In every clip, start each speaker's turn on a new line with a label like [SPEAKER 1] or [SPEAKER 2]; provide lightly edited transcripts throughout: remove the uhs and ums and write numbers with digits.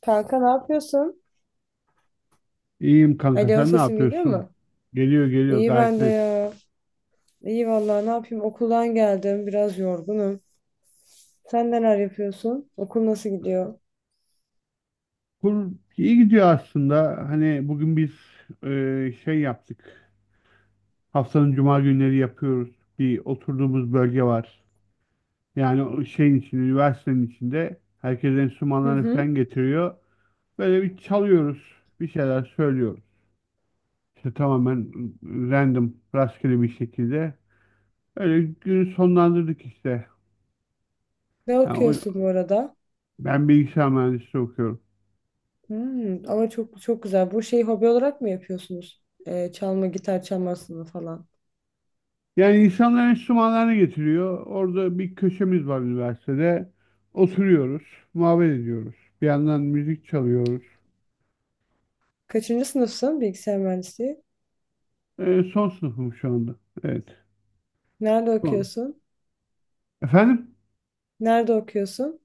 [SPEAKER 1] Kanka ne yapıyorsun?
[SPEAKER 2] İyiyim kanka,
[SPEAKER 1] Alo
[SPEAKER 2] sen ne
[SPEAKER 1] sesim geliyor
[SPEAKER 2] yapıyorsun?
[SPEAKER 1] mu?
[SPEAKER 2] Geliyor geliyor,
[SPEAKER 1] İyi
[SPEAKER 2] gayet
[SPEAKER 1] ben de
[SPEAKER 2] net.
[SPEAKER 1] ya. İyi vallahi ne yapayım okuldan geldim biraz yorgunum. Sen neler yapıyorsun? Okul nasıl gidiyor?
[SPEAKER 2] Kur iyi gidiyor aslında. Hani bugün biz şey yaptık. Haftanın cuma günleri yapıyoruz. Bir oturduğumuz bölge var. Yani o şeyin içinde, üniversitenin içinde herkes
[SPEAKER 1] Hı
[SPEAKER 2] enstrümanlarını
[SPEAKER 1] hı.
[SPEAKER 2] falan getiriyor. Böyle bir çalıyoruz. Bir şeyler söylüyoruz. İşte tamamen random, rastgele bir şekilde. Öyle günü sonlandırdık işte.
[SPEAKER 1] Ne
[SPEAKER 2] Yani o-
[SPEAKER 1] okuyorsun bu arada?
[SPEAKER 2] ben bilgisayar mühendisliği okuyorum.
[SPEAKER 1] Hmm, ama çok çok güzel. Bu şeyi hobi olarak mı yapıyorsunuz? Çalma, gitar çalmasını falan.
[SPEAKER 2] Yani insanlar enstrümanlarını getiriyor. Orada bir köşemiz var üniversitede. Oturuyoruz, muhabbet ediyoruz. Bir yandan müzik çalıyoruz.
[SPEAKER 1] Kaçıncı sınıfsın bilgisayar mühendisliği?
[SPEAKER 2] Son sınıfım şu anda. Evet.
[SPEAKER 1] Nerede
[SPEAKER 2] Son.
[SPEAKER 1] okuyorsun?
[SPEAKER 2] Efendim,
[SPEAKER 1] Nerede okuyorsun?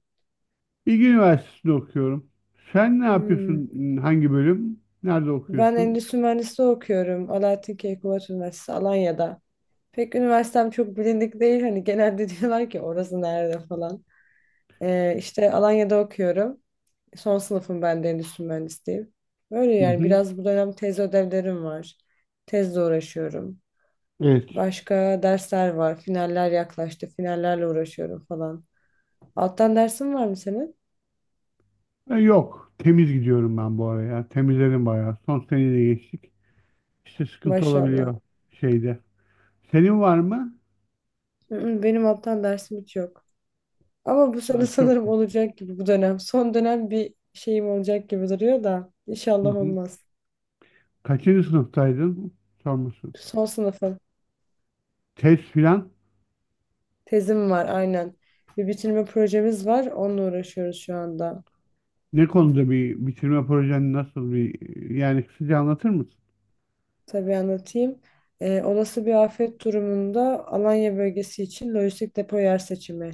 [SPEAKER 2] Bilgi Üniversitesi'nde okuyorum. Sen ne
[SPEAKER 1] Hmm.
[SPEAKER 2] yapıyorsun? Hangi bölüm? Nerede
[SPEAKER 1] Ben
[SPEAKER 2] okuyorsun?
[SPEAKER 1] endüstri mühendisliği okuyorum. Alaaddin Keykubat Üniversitesi Alanya'da. Pek üniversitem çok bilindik değil. Hani genelde diyorlar ki orası nerede falan. İşte Alanya'da okuyorum. Son sınıfım ben de endüstri mühendisliğim. Böyle
[SPEAKER 2] Hı
[SPEAKER 1] yani
[SPEAKER 2] hı.
[SPEAKER 1] biraz bu dönem tez ödevlerim var. Tezle uğraşıyorum.
[SPEAKER 2] Evet.
[SPEAKER 1] Başka dersler var. Finaller yaklaştı. Finallerle uğraşıyorum falan. Alttan dersin var mı senin?
[SPEAKER 2] E, yok. Temiz gidiyorum ben bu araya. Temizledim bayağı. Son seneyi de geçtik. İşte sıkıntı
[SPEAKER 1] Maşallah.
[SPEAKER 2] olabiliyor şeyde. Senin var mı?
[SPEAKER 1] Hı hı, benim alttan dersim hiç yok. Ama bu sene
[SPEAKER 2] Ha, çok.
[SPEAKER 1] sanırım olacak gibi bu dönem. Son dönem bir şeyim olacak gibi duruyor da. İnşallah olmaz.
[SPEAKER 2] Kaçıncı sınıftaydın? Sorması.
[SPEAKER 1] Son sınıfım.
[SPEAKER 2] Test filan.
[SPEAKER 1] Tezim var aynen. Bir bitirme projemiz var. Onunla uğraşıyoruz şu anda.
[SPEAKER 2] Ne konuda bir bitirme projen, nasıl bir, yani kısaca anlatır mısın?
[SPEAKER 1] Tabii anlatayım. Olası bir afet durumunda Alanya bölgesi için lojistik depo yer seçimi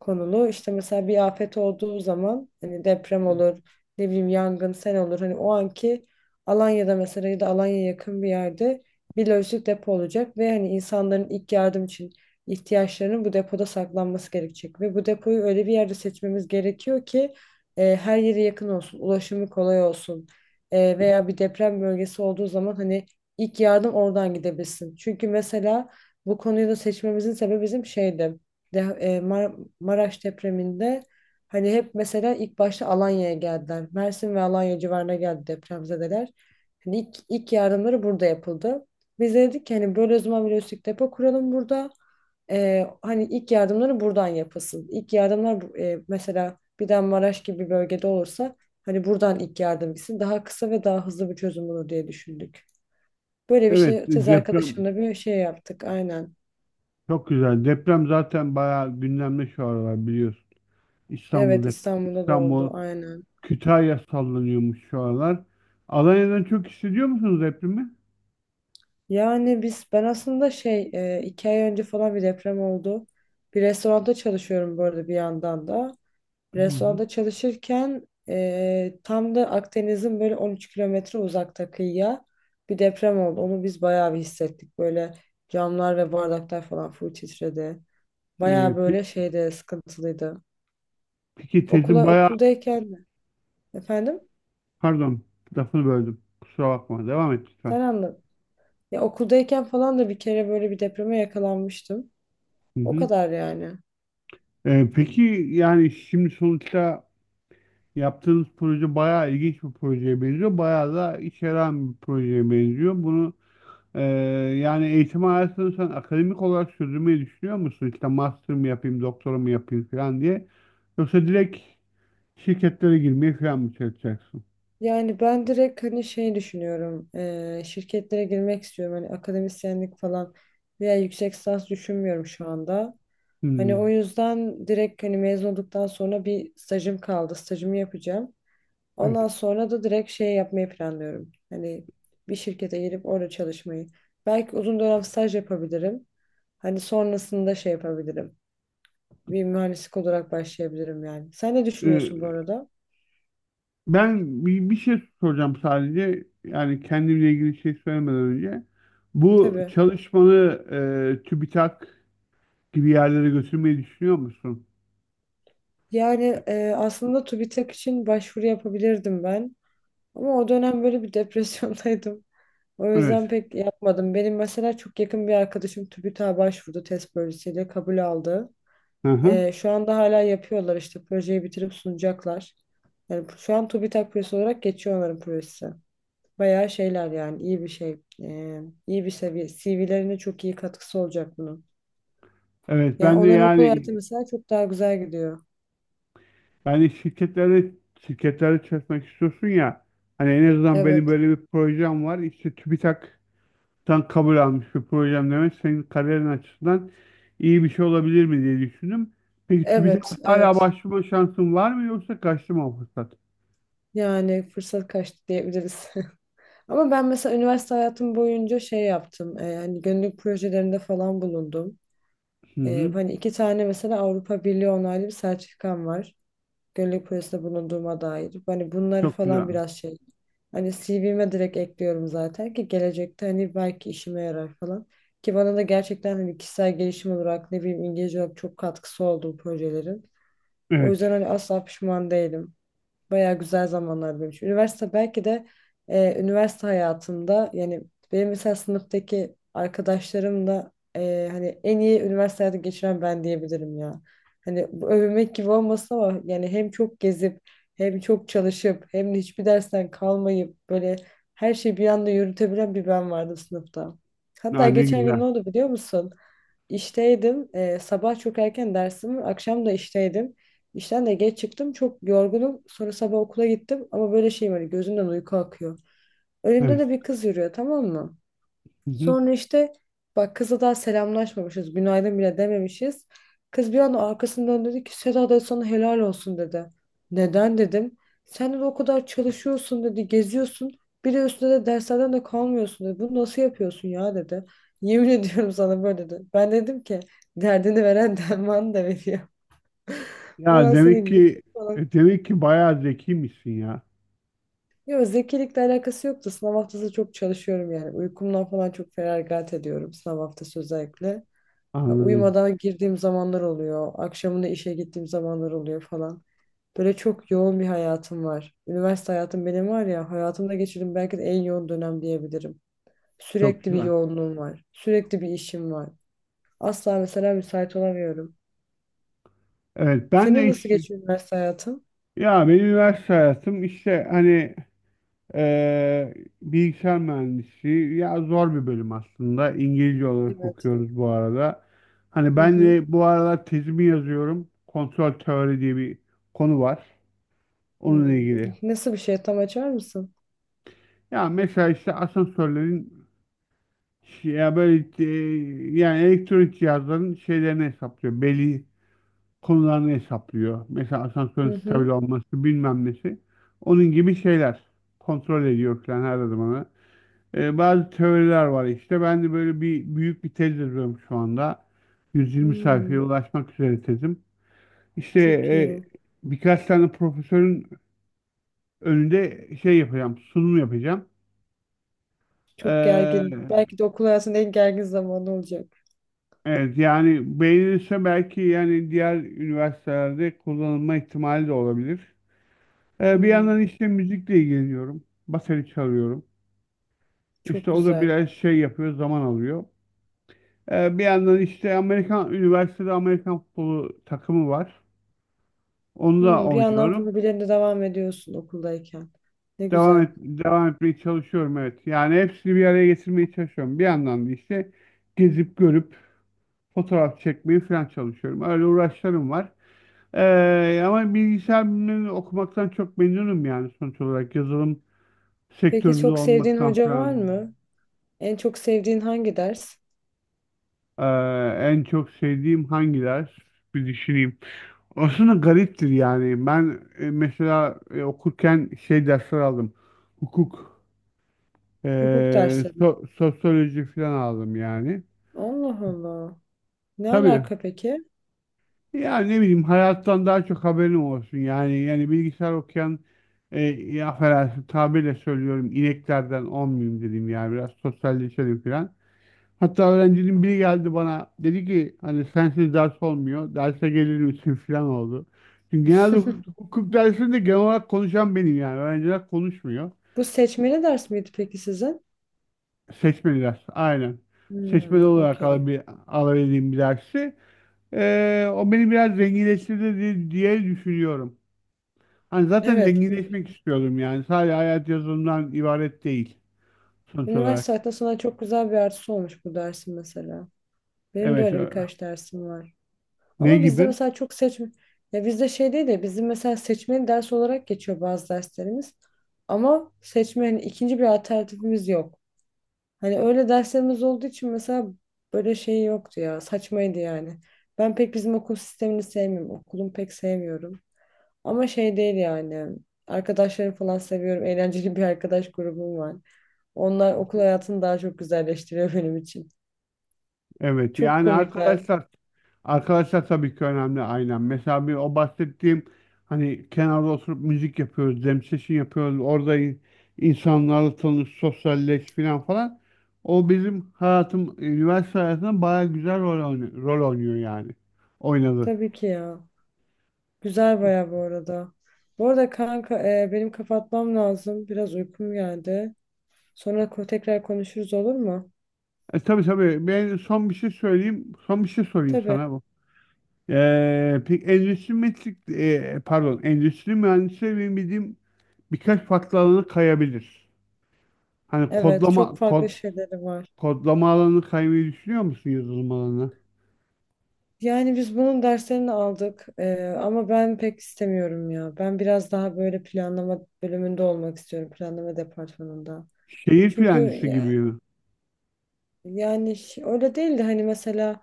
[SPEAKER 1] konulu. İşte mesela bir afet olduğu zaman hani deprem olur, ne bileyim yangın, sel olur. Hani o anki Alanya'da mesela ya da Alanya'ya yakın bir yerde bir lojistik depo olacak ve hani insanların ilk yardım için ihtiyaçlarının bu depoda saklanması gerekecek. Ve bu depoyu öyle bir yerde seçmemiz gerekiyor ki her yere yakın olsun, ulaşımı kolay olsun. Veya bir deprem bölgesi olduğu zaman hani İlk yardım oradan gidebilsin. Çünkü mesela bu konuyu da seçmemizin sebebi bizim şeydi. Maraş depreminde hani hep mesela ilk başta Alanya'ya geldiler. Mersin ve Alanya civarına geldi depremzedeler. Hani ilk yardımları burada yapıldı. Biz de dedik ki hani böyle o zaman bir lojistik depo kuralım burada. Hani ilk yardımları buradan yapılsın. İlk yardımlar mesela bir de Maraş gibi bir bölgede olursa hani buradan ilk yardım gitsin. Daha kısa ve daha hızlı bir çözüm olur diye düşündük. Böyle bir
[SPEAKER 2] Evet,
[SPEAKER 1] şey tez
[SPEAKER 2] deprem
[SPEAKER 1] arkadaşımla bir şey yaptık aynen.
[SPEAKER 2] çok güzel. Deprem zaten bayağı gündemde şu aralar, biliyorsun.
[SPEAKER 1] Evet,
[SPEAKER 2] İstanbul'da,
[SPEAKER 1] İstanbul'da da oldu
[SPEAKER 2] İstanbul,
[SPEAKER 1] aynen.
[SPEAKER 2] Kütahya sallanıyormuş şu aralar. Alanya'dan çok hissediyor musunuz depremi?
[SPEAKER 1] Yani biz ben aslında şey 2 ay önce falan bir deprem oldu. Bir restoranda çalışıyorum bu arada bir yandan da.
[SPEAKER 2] Hı hı.
[SPEAKER 1] Restoranda çalışırken tam da Akdeniz'in böyle 13 kilometre uzakta kıyıya bir deprem oldu. Onu biz bayağı bir hissettik. Böyle camlar ve bardaklar falan full titredi.
[SPEAKER 2] Ee,
[SPEAKER 1] Bayağı
[SPEAKER 2] pe-
[SPEAKER 1] böyle şeyde sıkıntılıydı.
[SPEAKER 2] peki tezin bayağı,
[SPEAKER 1] Okuldayken efendim
[SPEAKER 2] pardon, lafını böldüm. Kusura bakma. Devam et lütfen.
[SPEAKER 1] sen anlat. Ya okuldayken falan da bir kere böyle bir depreme yakalanmıştım.
[SPEAKER 2] Hı
[SPEAKER 1] O
[SPEAKER 2] hı.
[SPEAKER 1] kadar yani.
[SPEAKER 2] Peki yani şimdi sonuçta yaptığınız proje bayağı ilginç bir projeye benziyor. Bayağı da içeren bir projeye benziyor. Bunu e, yani eğitim hayatını sen akademik olarak sürdürmeyi düşünüyor musun? İşte master mı yapayım, doktora mı yapayım falan diye. Yoksa direkt şirketlere girmeye falan mı çalışacaksın?
[SPEAKER 1] Yani ben direkt hani şey düşünüyorum. Şirketlere girmek istiyorum. Hani akademisyenlik falan veya yüksek lisans düşünmüyorum şu anda. Hani o
[SPEAKER 2] Hmm.
[SPEAKER 1] yüzden direkt hani mezun olduktan sonra bir stajım kaldı. Stajımı yapacağım.
[SPEAKER 2] Evet.
[SPEAKER 1] Ondan sonra da direkt şey yapmayı planlıyorum. Hani bir şirkete girip orada çalışmayı. Belki uzun dönem staj yapabilirim. Hani sonrasında şey yapabilirim. Bir mühendislik olarak başlayabilirim yani. Sen ne düşünüyorsun bu
[SPEAKER 2] E,
[SPEAKER 1] arada?
[SPEAKER 2] Ben bir şey soracağım sadece. Yani kendimle ilgili şey söylemeden önce. Bu
[SPEAKER 1] Tabii.
[SPEAKER 2] çalışmanı TÜBİTAK gibi yerlere götürmeyi düşünüyor musun?
[SPEAKER 1] Yani aslında TÜBİTAK için başvuru yapabilirdim ben. Ama o dönem böyle bir depresyondaydım. O yüzden
[SPEAKER 2] Evet.
[SPEAKER 1] pek yapmadım. Benim mesela çok yakın bir arkadaşım TÜBİTAK'a başvurdu test projesiyle kabul aldı.
[SPEAKER 2] Hı hı.
[SPEAKER 1] Şu anda hala yapıyorlar işte projeyi bitirip sunacaklar. Yani şu an TÜBİTAK projesi olarak geçiyor onların projesi. Bayağı şeyler yani iyi bir şey. İyi bir seviye. CV'lerine çok iyi katkısı olacak bunun.
[SPEAKER 2] Evet
[SPEAKER 1] Yani
[SPEAKER 2] ben de
[SPEAKER 1] onların okul
[SPEAKER 2] yani,
[SPEAKER 1] hayatı mesela çok daha güzel gidiyor.
[SPEAKER 2] yani şirketlere çalışmak istiyorsun ya, hani en azından benim
[SPEAKER 1] Evet.
[SPEAKER 2] böyle bir projem var işte, TÜBİTAK'tan kabul almış bir projem demek senin kariyerin açısından iyi bir şey olabilir mi diye düşündüm. Peki TÜBİTAK
[SPEAKER 1] Evet,
[SPEAKER 2] hala
[SPEAKER 1] evet.
[SPEAKER 2] başvurma şansın var mı, yoksa kaçtı mı o fırsat?
[SPEAKER 1] Yani fırsat kaçtı diyebiliriz. Ama ben mesela üniversite hayatım boyunca şey yaptım. Hani gönüllülük projelerinde falan bulundum.
[SPEAKER 2] Hı hı.
[SPEAKER 1] Hani 2 tane mesela Avrupa Birliği onaylı bir sertifikam var. Gönüllülük projesinde bulunduğuma dair. Hani bunları
[SPEAKER 2] Çok güzel.
[SPEAKER 1] falan biraz şey. Hani CV'me direkt ekliyorum zaten ki gelecekte hani belki işime yarar falan. Ki bana da gerçekten hani kişisel gelişim olarak ne bileyim İngilizce olarak çok katkısı oldu bu projelerin. O
[SPEAKER 2] Evet.
[SPEAKER 1] yüzden hani asla pişman değilim. Bayağı güzel zamanlar benim için. Üniversite belki de üniversite hayatımda yani benim mesela sınıftaki arkadaşlarım da hani en iyi üniversite hayatı geçiren ben diyebilirim ya. Hani bu övünmek gibi olmasa ama yani hem çok gezip hem çok çalışıp hem de hiçbir dersten kalmayıp böyle her şeyi bir anda yürütebilen bir ben vardı sınıfta.
[SPEAKER 2] Ha,
[SPEAKER 1] Hatta
[SPEAKER 2] ne
[SPEAKER 1] geçen gün ne
[SPEAKER 2] güzel.
[SPEAKER 1] oldu biliyor musun? İşteydim. Sabah çok erken dersim, var, akşam da işteydim. İşten de geç çıktım. Çok yorgunum. Sonra sabah okula gittim. Ama böyle şeyim hani gözümden uyku akıyor. Önümde de
[SPEAKER 2] Evet.
[SPEAKER 1] bir kız yürüyor, tamam mı?
[SPEAKER 2] Hı hı.
[SPEAKER 1] Sonra işte bak kızla daha selamlaşmamışız. Günaydın bile dememişiz. Kız bir anda arkasını döndü dedi ki Seda da sana helal olsun dedi. Neden dedim. Sen de o kadar çalışıyorsun dedi. Geziyorsun. Bir de üstüne de derslerden de kalmıyorsun dedi. Bunu nasıl yapıyorsun ya dedi. Yemin ediyorum sana böyle dedi. Ben dedim ki derdini veren derman da veriyor.
[SPEAKER 2] Ya
[SPEAKER 1] Ondan sonra
[SPEAKER 2] demek ki,
[SPEAKER 1] gittik falan.
[SPEAKER 2] demek ki bayağı zekiymişsin ya.
[SPEAKER 1] Yok zekilikle alakası yoktu. Sınav haftası çok çalışıyorum yani. Uykumdan falan çok feragat ediyorum sınav haftası özellikle. Ha,
[SPEAKER 2] Anladım.
[SPEAKER 1] uyumadan girdiğim zamanlar oluyor. Akşamında işe gittiğim zamanlar oluyor falan. Böyle çok yoğun bir hayatım var. Üniversite hayatım benim var ya hayatımda geçirdiğim belki de en yoğun dönem diyebilirim.
[SPEAKER 2] Çok
[SPEAKER 1] Sürekli bir
[SPEAKER 2] güzel.
[SPEAKER 1] yoğunluğum var. Sürekli bir işim var. Asla mesela müsait olamıyorum.
[SPEAKER 2] Evet ben
[SPEAKER 1] Senin
[SPEAKER 2] de
[SPEAKER 1] nasıl
[SPEAKER 2] hiç.
[SPEAKER 1] geçiyor üniversite hayatın?
[SPEAKER 2] Ya benim üniversite hayatım işte, hani eee, bilgisayar mühendisliği ya, zor bir bölüm aslında. İngilizce olarak
[SPEAKER 1] Evet.
[SPEAKER 2] okuyoruz bu arada. Hani
[SPEAKER 1] Hı
[SPEAKER 2] ben
[SPEAKER 1] hı.
[SPEAKER 2] de bu aralar tezimi yazıyorum. Kontrol teori diye bir konu var. Onunla
[SPEAKER 1] Hmm.
[SPEAKER 2] ilgili.
[SPEAKER 1] Nasıl bir şey, tam açar mısın?
[SPEAKER 2] Ya mesela işte asansörlerin ya böyle, yani elektronik cihazların şeylerini hesaplıyor. Belli konularını hesaplıyor. Mesela asansörün
[SPEAKER 1] Hı
[SPEAKER 2] stabil
[SPEAKER 1] hı.
[SPEAKER 2] olması, bilmem nesi. Onun gibi şeyler kontrol ediyor falan her zaman. E, bazı teoriler var işte. Ben de böyle büyük bir tez yazıyorum şu anda. 120 sayfaya
[SPEAKER 1] Hmm.
[SPEAKER 2] ulaşmak üzere tezim. İşte
[SPEAKER 1] Çok iyi.
[SPEAKER 2] birkaç tane profesörün önünde şey yapacağım, sunum yapacağım.
[SPEAKER 1] Çok
[SPEAKER 2] Ee,
[SPEAKER 1] gergin. Belki de okul hayatının en gergin zamanı olacak.
[SPEAKER 2] evet yani, beğenirse belki, yani diğer üniversitelerde kullanılma ihtimali de olabilir. Bir
[SPEAKER 1] Hmm,
[SPEAKER 2] yandan işte müzikle ilgileniyorum. Bateri çalıyorum. İşte
[SPEAKER 1] çok
[SPEAKER 2] o da
[SPEAKER 1] güzel.
[SPEAKER 2] biraz şey yapıyor, zaman alıyor. Bir yandan işte Amerikan üniversitede Amerikan futbolu takımı var. Onu da
[SPEAKER 1] Hmm, bir yandan
[SPEAKER 2] oynuyorum.
[SPEAKER 1] hobilerine devam ediyorsun okuldayken. Ne güzel.
[SPEAKER 2] Devam etmeye çalışıyorum, evet. Yani hepsini bir araya getirmeye çalışıyorum. Bir yandan da işte gezip görüp fotoğraf çekmeyi falan çalışıyorum. Öyle uğraşlarım var. Ama bilgisayar bilimlerini okumaktan çok memnunum, yani sonuç olarak yazılım
[SPEAKER 1] Peki
[SPEAKER 2] sektöründe
[SPEAKER 1] çok sevdiğin
[SPEAKER 2] olmaktan
[SPEAKER 1] hoca var
[SPEAKER 2] falan.
[SPEAKER 1] mı? En çok sevdiğin hangi ders?
[SPEAKER 2] Ee, En çok sevdiğim hangi ders? Bir düşüneyim. Aslında gariptir yani. Ben mesela okurken şey dersler aldım. Hukuk,
[SPEAKER 1] Hukuk
[SPEAKER 2] e,
[SPEAKER 1] dersleri.
[SPEAKER 2] sosyoloji falan aldım yani.
[SPEAKER 1] Allah Allah. Ne
[SPEAKER 2] Tabii.
[SPEAKER 1] alaka peki?
[SPEAKER 2] Yani ne bileyim, hayattan daha çok haberim olsun. Yani, yani bilgisayar okuyan, ya affedersin tabirle söylüyorum, ineklerden olmayayım dedim, yani biraz sosyalleşelim falan. Hatta öğrencinin biri geldi bana dedi ki, hani sensiz ders olmuyor, derse gelir misin falan oldu. Çünkü genelde hukuk, hukuk dersinde genel olarak konuşan benim yani, öğrenciler konuşmuyor.
[SPEAKER 1] Bu seçmeli ders miydi peki sizin?
[SPEAKER 2] Seçmeli ders aynen.
[SPEAKER 1] Hmm,
[SPEAKER 2] Seçmeli olarak
[SPEAKER 1] okey.
[SPEAKER 2] alabil, alabildiğim bir dersi. O beni biraz zenginleştirdi diye düşünüyorum. Hani zaten
[SPEAKER 1] Evet.
[SPEAKER 2] zenginleşmek istiyordum, yani sadece hayat yazılımdan ibaret değil sonuç olarak.
[SPEAKER 1] Üniversite hayatında sana çok güzel bir artısı olmuş bu dersin mesela. Benim de
[SPEAKER 2] Evet
[SPEAKER 1] öyle
[SPEAKER 2] ö-
[SPEAKER 1] birkaç dersim var.
[SPEAKER 2] ne
[SPEAKER 1] Ama bizde
[SPEAKER 2] gibi?
[SPEAKER 1] mesela çok seçme ya bizde şey değil de bizim mesela seçmeli ders olarak geçiyor bazı derslerimiz. Ama seçme hani ikinci bir alternatifimiz yok. Hani öyle derslerimiz olduğu için mesela böyle şey yoktu ya, saçmaydı yani. Ben pek bizim okul sistemini sevmiyorum. Okulumu pek sevmiyorum. Ama şey değil yani. Arkadaşlarımı falan seviyorum. Eğlenceli bir arkadaş grubum var. Onlar okul hayatını daha çok güzelleştiriyor benim için.
[SPEAKER 2] Evet
[SPEAKER 1] Çok
[SPEAKER 2] yani
[SPEAKER 1] komikler.
[SPEAKER 2] arkadaşlar tabii ki önemli aynen. Mesela bir o bahsettiğim, hani kenarda oturup müzik yapıyoruz, jam session yapıyoruz. Orada insanlarla tanış, sosyalleş falan falan. O bizim hayatım, üniversite hayatında bayağı güzel rol oynuyor yani. Oynadı.
[SPEAKER 1] Tabii ki ya. Güzel baya bu arada. Bu arada kanka benim kapatmam lazım. Biraz uykum geldi. Sonra tekrar konuşuruz olur mu?
[SPEAKER 2] E tabii tabii, ben son bir şey söyleyeyim. Son bir şey sorayım
[SPEAKER 1] Tabii.
[SPEAKER 2] sana bu. Peki endüstri pardon, endüstri mühendisleri benim bildiğim birkaç farklı alana kayabilir. Hani
[SPEAKER 1] Evet çok farklı şeyleri var.
[SPEAKER 2] kodlama alanı kaymayı düşünüyor musun yazılım alanına?
[SPEAKER 1] Yani biz bunun derslerini aldık ama ben pek istemiyorum ya. Ben biraz daha böyle planlama bölümünde olmak istiyorum. Planlama departmanında.
[SPEAKER 2] Şehir
[SPEAKER 1] Çünkü
[SPEAKER 2] plancısı gibi mi?
[SPEAKER 1] Öyle değil de hani mesela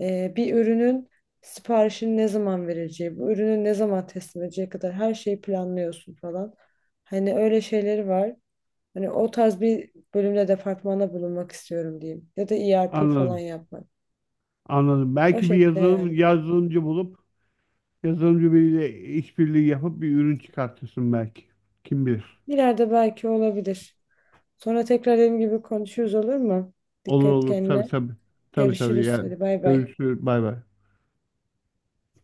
[SPEAKER 1] bir ürünün siparişini ne zaman vereceği, bu ürünü ne zaman teslim edeceği kadar her şeyi planlıyorsun falan. Hani öyle şeyleri var. Hani o tarz bir bölümde departmana bulunmak istiyorum diyeyim. Ya da ERP falan
[SPEAKER 2] Anladım.
[SPEAKER 1] yapmak.
[SPEAKER 2] Anladım.
[SPEAKER 1] O
[SPEAKER 2] Belki bir
[SPEAKER 1] şekilde
[SPEAKER 2] yazılım
[SPEAKER 1] yani.
[SPEAKER 2] yazılımcı bulup yazılımcı biriyle işbirliği yapıp bir ürün çıkartırsın belki. Kim bilir.
[SPEAKER 1] İleride belki olabilir. Sonra tekrar dediğim gibi konuşuruz olur mu?
[SPEAKER 2] Olur
[SPEAKER 1] Dikkat
[SPEAKER 2] olur. Tabii
[SPEAKER 1] kendine.
[SPEAKER 2] tabii. Tabii tabii
[SPEAKER 1] Görüşürüz.
[SPEAKER 2] yani.
[SPEAKER 1] Hadi bay bay.
[SPEAKER 2] Görüşürüz. Bay bay.